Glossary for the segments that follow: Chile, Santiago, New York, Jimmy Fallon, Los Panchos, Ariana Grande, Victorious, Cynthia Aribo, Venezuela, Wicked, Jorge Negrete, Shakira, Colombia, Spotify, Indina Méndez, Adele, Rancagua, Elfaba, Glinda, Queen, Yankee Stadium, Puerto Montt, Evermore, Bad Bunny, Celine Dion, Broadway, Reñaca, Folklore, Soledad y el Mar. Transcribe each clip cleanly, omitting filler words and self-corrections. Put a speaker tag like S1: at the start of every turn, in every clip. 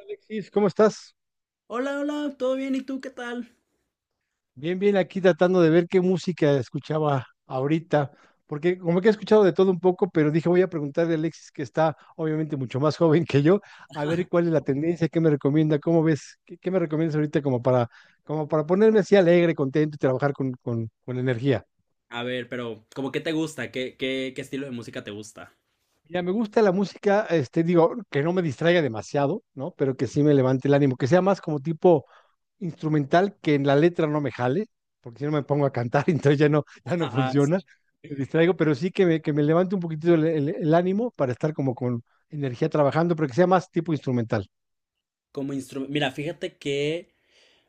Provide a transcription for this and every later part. S1: Alexis, ¿cómo estás?
S2: Hola, hola, ¿todo bien? ¿Y tú qué tal?
S1: Bien, bien, aquí tratando de ver qué música escuchaba ahorita, porque como que he escuchado de todo un poco, pero dije voy a preguntarle a Alexis, que está obviamente mucho más joven que yo, a ver cuál es la tendencia, qué me recomienda, cómo ves, qué me recomiendas ahorita como para, como para ponerme así alegre, contento y trabajar con energía.
S2: A ver, pero ¿cómo qué te gusta? ¿Qué estilo de música te gusta?
S1: Ya me gusta la música, este, digo, que no me distraiga demasiado, ¿no? Pero que sí me levante el ánimo, que sea más como tipo instrumental que en la letra no me jale, porque si no me pongo a cantar, entonces ya no, ya no
S2: Ah, sí.
S1: funciona, me distraigo, pero sí que me levante un poquitito el ánimo para estar como con energía trabajando, pero que sea más tipo instrumental.
S2: Como instrumento. Mira, fíjate que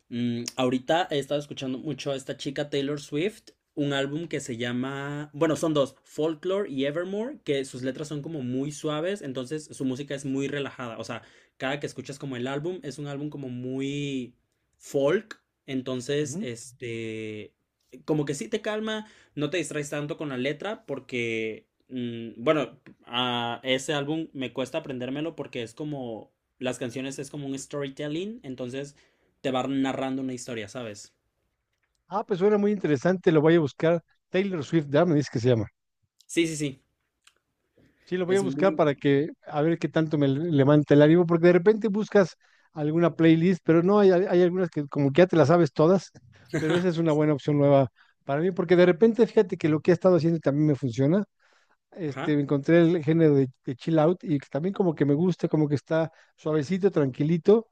S2: Ahorita he estado escuchando mucho a esta chica Taylor Swift, un álbum que se llama, bueno, son dos, Folklore y Evermore, que sus letras son como muy suaves, entonces su música es muy relajada. O sea, cada que escuchas como el álbum es un álbum como muy folk, entonces,
S1: Ujú.
S2: este, como que sí te calma, no te distraes tanto con la letra porque, bueno, a ese álbum me cuesta aprendérmelo porque es como, las canciones es como un storytelling, entonces te va narrando una historia, ¿sabes?
S1: Ah, pues suena muy interesante, lo voy a buscar. Taylor Swift, ya me dice que se llama.
S2: Sí, sí, sí.
S1: Sí, lo voy a
S2: Es
S1: buscar
S2: muy...
S1: para
S2: bueno.
S1: que, a ver qué tanto me levanta el ánimo, porque de repente buscas alguna playlist, pero no, hay algunas que como que ya te las sabes todas, pero esa es una buena opción nueva para mí, porque de repente fíjate que lo que he estado haciendo también me funciona,
S2: Ajá.
S1: este, me encontré el género de chill out y que también como que me gusta, como que está suavecito, tranquilito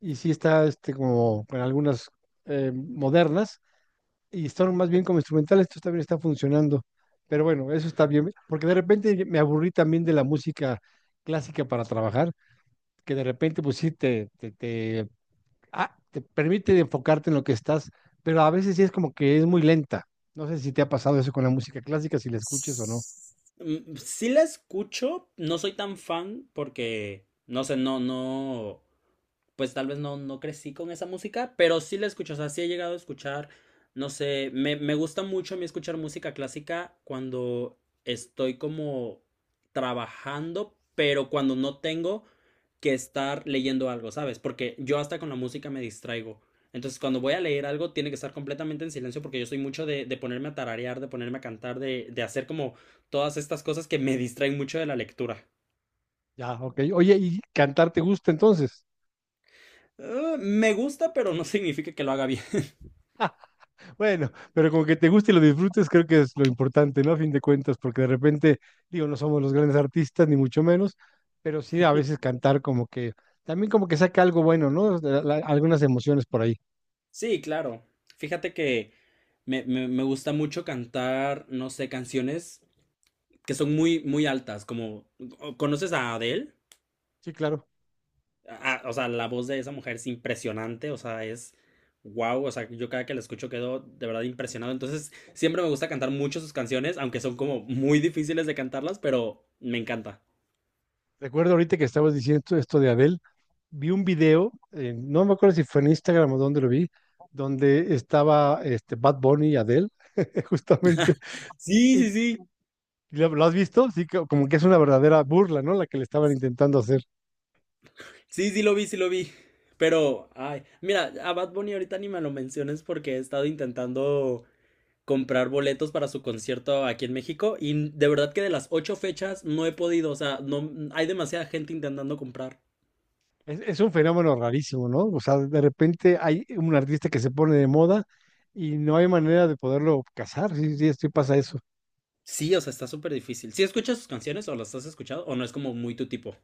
S1: y sí está este, como con algunas modernas y están más bien como instrumentales, esto también está funcionando. Pero bueno, eso está bien, porque de repente me aburrí también de la música clásica para trabajar, que de repente pues sí te te permite enfocarte en lo que estás, pero a veces sí es como que es muy lenta. No sé si te ha pasado eso con la música clásica, si la escuches o
S2: S-
S1: no.
S2: Mm, sí la escucho, no soy tan fan porque, no sé, no, no, pues tal vez no, no crecí con esa música, pero sí la escucho. O sea, sí he llegado a escuchar, no sé, me gusta mucho a mí escuchar música clásica cuando estoy como trabajando, pero cuando no tengo que estar leyendo algo, ¿sabes? Porque yo hasta con la música me distraigo. Entonces, cuando voy a leer algo, tiene que estar completamente en silencio porque yo soy mucho de ponerme a tararear, de ponerme a cantar, de hacer como todas estas cosas que me distraen mucho de la lectura.
S1: Ya, ok. Oye, ¿y cantar te gusta entonces?
S2: Me gusta, pero no significa que lo haga bien.
S1: Bueno, pero como que te guste y lo disfrutes, creo que es lo importante, ¿no? A fin de cuentas, porque de repente, digo, no somos los grandes artistas, ni mucho menos, pero sí a veces cantar como que, también como que saca algo bueno, ¿no? Algunas emociones por ahí.
S2: Sí, claro. Fíjate que me gusta mucho cantar, no sé, canciones que son muy, muy altas, como... ¿Conoces a Adele?
S1: Sí, claro.
S2: O sea, la voz de esa mujer es impresionante, o sea, es wow. O sea, yo cada que la escucho quedo de verdad impresionado. Entonces, siempre me gusta cantar mucho sus canciones, aunque son como muy difíciles de cantarlas, pero me encanta.
S1: Recuerdo ahorita que estabas diciendo esto de Adele, vi un video, no me acuerdo si fue en Instagram o dónde lo vi, donde estaba este, Bad Bunny y Adele, justamente.
S2: Sí,
S1: Y
S2: sí, sí.
S1: ¿lo has visto? Sí, como que es una verdadera burla, ¿no? La que le estaban intentando hacer.
S2: Sí, sí lo vi, sí lo vi. Pero, ay, mira, a Bad Bunny ahorita ni me lo menciones porque he estado intentando comprar boletos para su concierto aquí en México y de verdad que de las ocho fechas no he podido. O sea, no hay demasiada gente intentando comprar.
S1: Es un fenómeno rarísimo, ¿no? O sea, de repente hay un artista que se pone de moda y no hay manera de poderlo casar. Sí, sí, sí pasa eso.
S2: Sí, o sea, está súper difícil. ¿Sí escuchas sus canciones o las has escuchado o no es como muy tu tipo?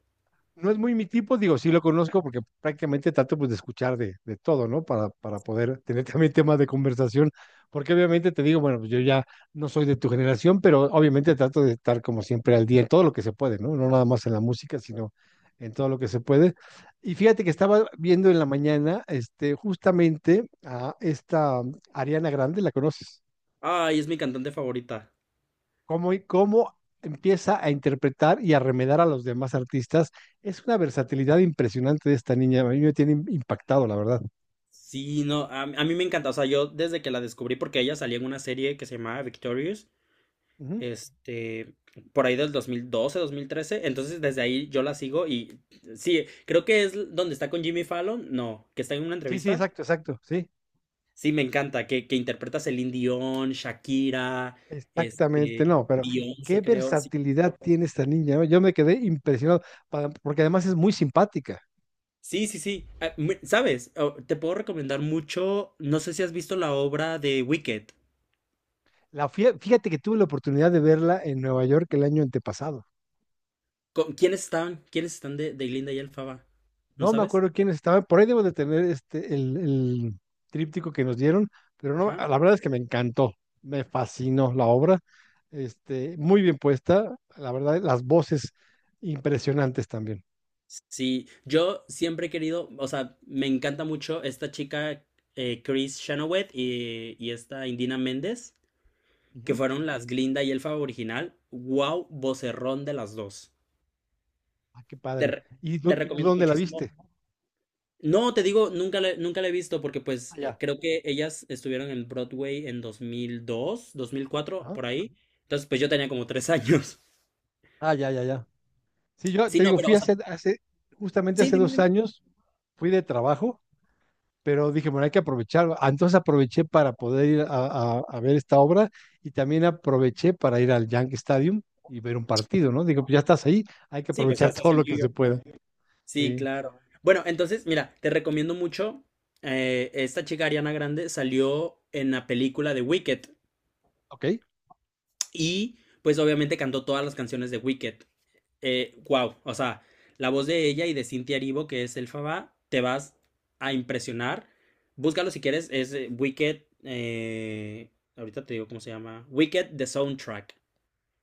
S1: No es muy mi tipo, digo, sí lo conozco porque prácticamente trato pues de escuchar de todo, ¿no? Para poder tener también temas de conversación, porque obviamente te digo, bueno, pues yo ya no soy de tu generación, pero obviamente trato de estar como siempre al día en todo lo que se puede, ¿no? No nada más en la música, sino en todo lo que se puede. Y fíjate que estaba viendo en la mañana, este, justamente a esta Ariana Grande, ¿la conoces?
S2: Ay, es mi cantante favorita.
S1: Cómo, y cómo empieza a interpretar y a remedar a los demás artistas. Es una versatilidad impresionante de esta niña. A mí me tiene impactado, la verdad.
S2: Sí, no, a mí me encanta. O sea, yo desde que la descubrí, porque ella salía en una serie que se llamaba Victorious,
S1: Ujú.
S2: este, por ahí del 2012, 2013. Entonces, desde ahí yo la sigo y sí, creo que es donde está con Jimmy Fallon. No, que está en una
S1: Sí, sí,
S2: entrevista.
S1: exacto, exacto, sí.
S2: Sí, me encanta, que interpreta a Celine Dion, Shakira,
S1: Exactamente,
S2: este,
S1: no, pero qué
S2: Beyoncé, creo.
S1: versatilidad tiene esta niña, ¿no? Yo me quedé impresionado, porque además es muy simpática.
S2: Sí, sí, sí. Ah, ¿Sabes? Oh, te puedo recomendar mucho. No sé si has visto la obra de Wicked.
S1: La, fíjate que tuve la oportunidad de verla en Nueva York el año antepasado.
S2: ¿Quiénes están? ¿Quiénes están de Glinda y Elfaba? ¿No
S1: No me
S2: sabes?
S1: acuerdo quiénes estaban. Por ahí debo de tener este, el tríptico que nos dieron, pero no,
S2: Ajá.
S1: la verdad es que me encantó, me fascinó la obra. Este, muy bien puesta, la verdad, las voces impresionantes también.
S2: Sí, yo siempre he querido, o sea, me encanta mucho esta chica, Chris Chenoweth y esta Indina Méndez, que
S1: Ujú.
S2: fueron las Glinda y Elfaba original. Wow, vocerrón de las dos.
S1: Ah, qué
S2: Te,
S1: padre.
S2: re-
S1: ¿Y
S2: te
S1: tú
S2: recomiendo
S1: dónde la
S2: muchísimo.
S1: viste?
S2: No, te digo, nunca la he visto porque pues
S1: Allá.
S2: creo que ellas estuvieron en Broadway en dos mil dos, dos mil cuatro
S1: Ajá.
S2: por ahí. Entonces pues yo tenía como tres años.
S1: Ah, ya, ya, ya. Sí, yo
S2: Sí,
S1: te
S2: no,
S1: digo,
S2: pero
S1: fui
S2: o sea,
S1: hace justamente
S2: sí,
S1: hace
S2: dime,
S1: dos
S2: dime.
S1: años, fui de trabajo pero dije, bueno, hay que aprovechar. Ah, entonces aproveché para poder ir a, a ver esta obra y también aproveché para ir al Yankee Stadium y ver un partido, ¿no? Digo, pues ya estás ahí, hay que
S2: Sí, pues ya
S1: aprovechar
S2: estás
S1: todo
S2: en
S1: lo que
S2: New
S1: se
S2: York.
S1: pueda.
S2: Sí,
S1: Sí,
S2: claro. Bueno, entonces mira, te recomiendo mucho. Esta chica Ariana Grande salió en la película de Wicked.
S1: ok,
S2: Y pues obviamente cantó todas las canciones de Wicked. Wow, o sea, la voz de ella y de Cynthia Aribo, que es el Faba, te vas a impresionar. Búscalo si quieres, es Wicked. Ahorita te digo cómo se llama. Wicked The Soundtrack.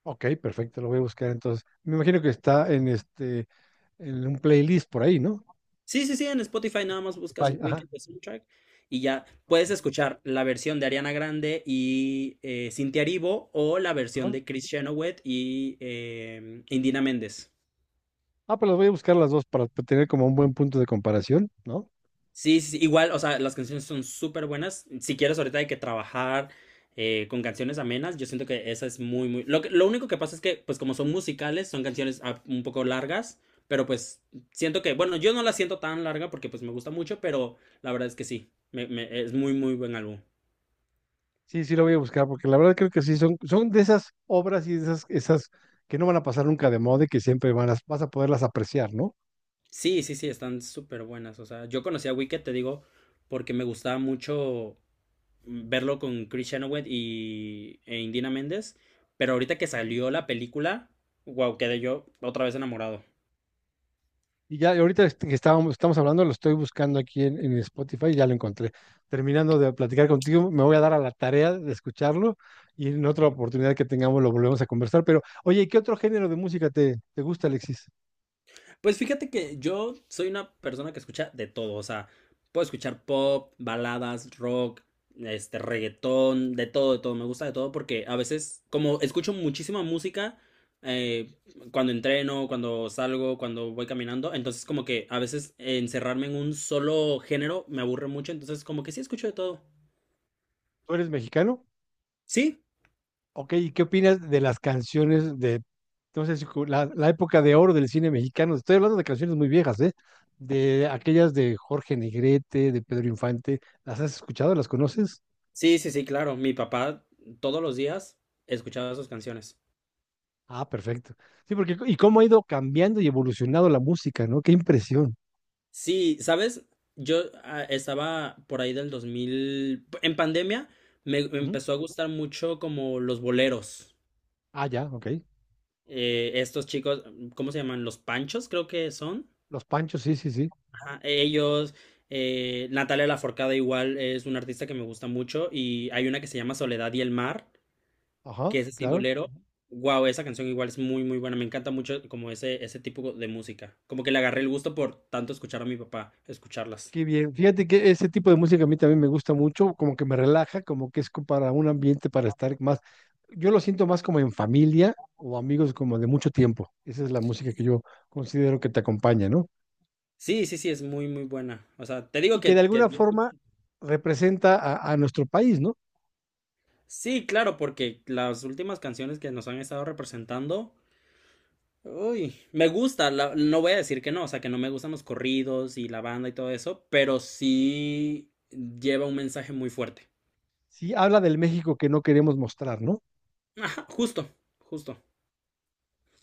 S1: ok, perfecto, lo voy a buscar entonces. Me imagino que está en este, en un playlist por ahí, ¿no?
S2: Sí, sí, sí, en Spotify nada más buscas
S1: Spotify, ajá,
S2: Wicked The Soundtrack y ya
S1: ok,
S2: puedes escuchar la versión de Ariana Grande y Cintia Aribo o la versión
S1: ajá.
S2: de Chris Chenoweth y Indina Méndez.
S1: Ah, pero las voy a buscar las dos para tener como un buen punto de comparación, ¿no?
S2: Sí, sí, sí, igual, o sea, las canciones son súper buenas. Si quieres ahorita hay que trabajar con canciones amenas, yo siento que esa es muy, muy... lo único que pasa es que, pues como son musicales, son canciones un poco largas, pero pues siento que, bueno, yo no la siento tan larga porque pues me gusta mucho, pero la verdad es que sí, es muy, muy buen álbum.
S1: Sí, sí lo voy a buscar, porque la verdad creo que sí, son de esas obras y de esas que no van a pasar nunca de moda y que siempre van a, vas a poderlas apreciar, ¿no?
S2: Sí, sí, sí, están súper buenas. O sea, yo conocí a Wicked, te digo, porque me gustaba mucho verlo con Chris Chenoweth y, e Indina Méndez. Pero ahorita que
S1: Ujú.
S2: salió la película, wow, quedé yo otra vez enamorado.
S1: Y ya y ahorita que estábamos, estamos hablando, lo estoy buscando aquí en Spotify y ya lo encontré. Terminando de platicar contigo, me voy a dar a la tarea de escucharlo y en otra oportunidad que tengamos lo volvemos a conversar. Pero, oye, ¿qué otro género de música te gusta, Alexis?
S2: Pues fíjate que yo soy una persona que escucha de todo. O sea, puedo escuchar pop, baladas, rock, este, reggaetón, de todo, de todo. Me gusta de todo porque a veces, como escucho muchísima música, eh, cuando entreno, cuando salgo, cuando voy caminando. Entonces, como que a veces encerrarme en un solo género me aburre mucho. Entonces, como que sí escucho de todo.
S1: ¿Tú eres mexicano?
S2: Sí.
S1: Ok, ¿y qué opinas de las canciones de, no sé si la, la época de oro del cine mexicano? Estoy hablando de canciones muy viejas, ¿eh? De aquellas de Jorge Negrete, de Pedro Infante. ¿Las has escuchado? ¿Las conoces?
S2: Sí, sí, sí, claro. Mi papá todos los días escuchaba sus canciones.
S1: Ah, perfecto. Sí, porque, ¿y cómo ha ido cambiando y evolucionado la música, ¿no? Qué impresión.
S2: Sí, ¿sabes? Yo estaba por ahí del 2000 en pandemia me
S1: Ujú.
S2: empezó a gustar mucho como los boleros.
S1: Ah, ya, ok.
S2: Estos chicos, ¿cómo se llaman? Los Panchos, creo que son.
S1: Los Panchos, sí, sí, sí.
S2: Ajá, ellos, Natalia Laforcada igual es una artista que me gusta mucho y hay una que se llama Soledad y el Mar,
S1: Ajá,
S2: que es así
S1: claro.
S2: bolero. Wow, esa canción igual es muy, muy buena. Me encanta mucho como ese tipo de música. Como que le agarré el gusto por tanto escuchar a mi papá, escucharlas.
S1: Qué bien. Fíjate que ese tipo de música a mí también me gusta mucho, como que me relaja, como que es para un ambiente para estar más. Yo lo siento más como en familia o amigos como de mucho tiempo. Esa es la música que yo considero que te acompaña, ¿no?
S2: Sí, sí, sí, es muy, muy buena. O sea, te digo
S1: Y que de alguna forma representa a nuestro país, ¿no?
S2: sí, claro, porque las últimas canciones que nos han estado representando, uy, me gusta, no voy a decir que no, o sea, que no me gustan los corridos y la banda y todo eso, pero sí lleva un mensaje muy fuerte.
S1: Sí, habla del México que no queremos mostrar, ¿no?
S2: Ajá, justo, justo.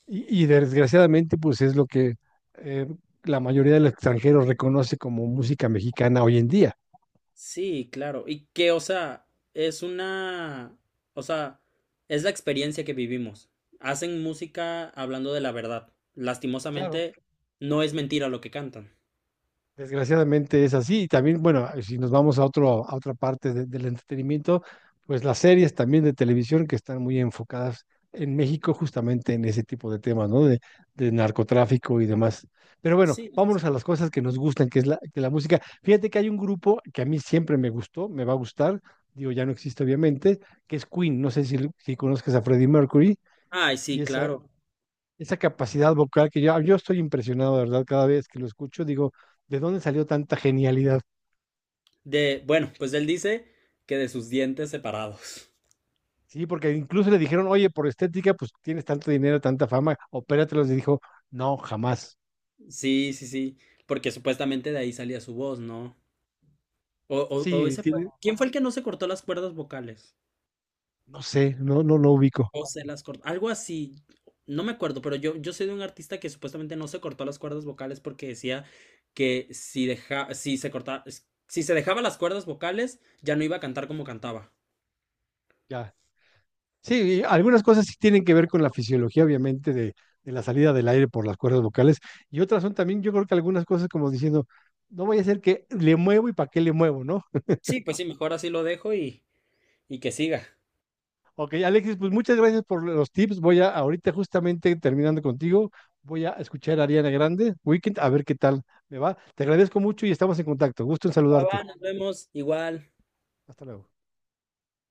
S1: Y desgraciadamente, pues es lo que eh, la mayoría de los extranjeros reconoce como música mexicana hoy en día.
S2: Sí, claro. Y que, o sea, es una, o sea, es la experiencia que vivimos. Hacen música hablando de la verdad.
S1: Claro,
S2: Lastimosamente, no es mentira lo que cantan.
S1: desgraciadamente es así. Y también, bueno, si nos vamos a otro, a otra parte del entretenimiento, pues las series también de televisión que están muy enfocadas en México justamente en ese tipo de temas, ¿no? De narcotráfico y demás. Pero bueno,
S2: Sí.
S1: vámonos a las cosas que nos gustan, que es la, que la música. Fíjate que hay un grupo que a mí siempre me gustó, me va a gustar, digo, ya no existe obviamente, que es Queen. No sé si, si conozcas a Freddie Mercury.
S2: Ay,
S1: Y
S2: sí,
S1: esa,
S2: claro.
S1: esa capacidad vocal que yo estoy impresionado, de verdad, cada vez que lo escucho, digo, ¿de dónde salió tanta genialidad?
S2: De, bueno, pues él dice que de sus dientes separados.
S1: Sí, porque incluso le dijeron, oye, por estética, pues tienes tanto dinero, tanta fama, opératelos. Y dijo, no, jamás.
S2: Sí, sí, sí. Porque supuestamente de ahí salía su voz, ¿no? O
S1: Sí,
S2: ese fue.
S1: tiene-
S2: ¿Quién fue el que no se cortó las cuerdas vocales?
S1: no sé, no, no lo ubico.
S2: O se las cortó. Algo así. No me acuerdo, pero yo sé de un artista que supuestamente no se cortó las cuerdas vocales porque decía que si deja, si se corta si se dejaba las cuerdas vocales, ya no iba a cantar como cantaba.
S1: Ya. Sí, y algunas cosas sí tienen que ver con la fisiología, obviamente, de la salida del aire por las cuerdas vocales. Y otras son también, yo creo que algunas cosas como diciendo, no voy a hacer que le muevo y para qué le muevo, ¿no?
S2: Sí, pues sí, mejor así lo dejo y que siga.
S1: Ok, Alexis, pues muchas gracias por los tips. Voy a, ahorita justamente terminando contigo, voy a escuchar a Ariana Grande, Weekend, a ver qué tal me va. Te agradezco mucho y estamos en contacto. Gusto en
S2: Va, va,
S1: saludarte.
S2: nos vemos. Igual.
S1: Hasta luego.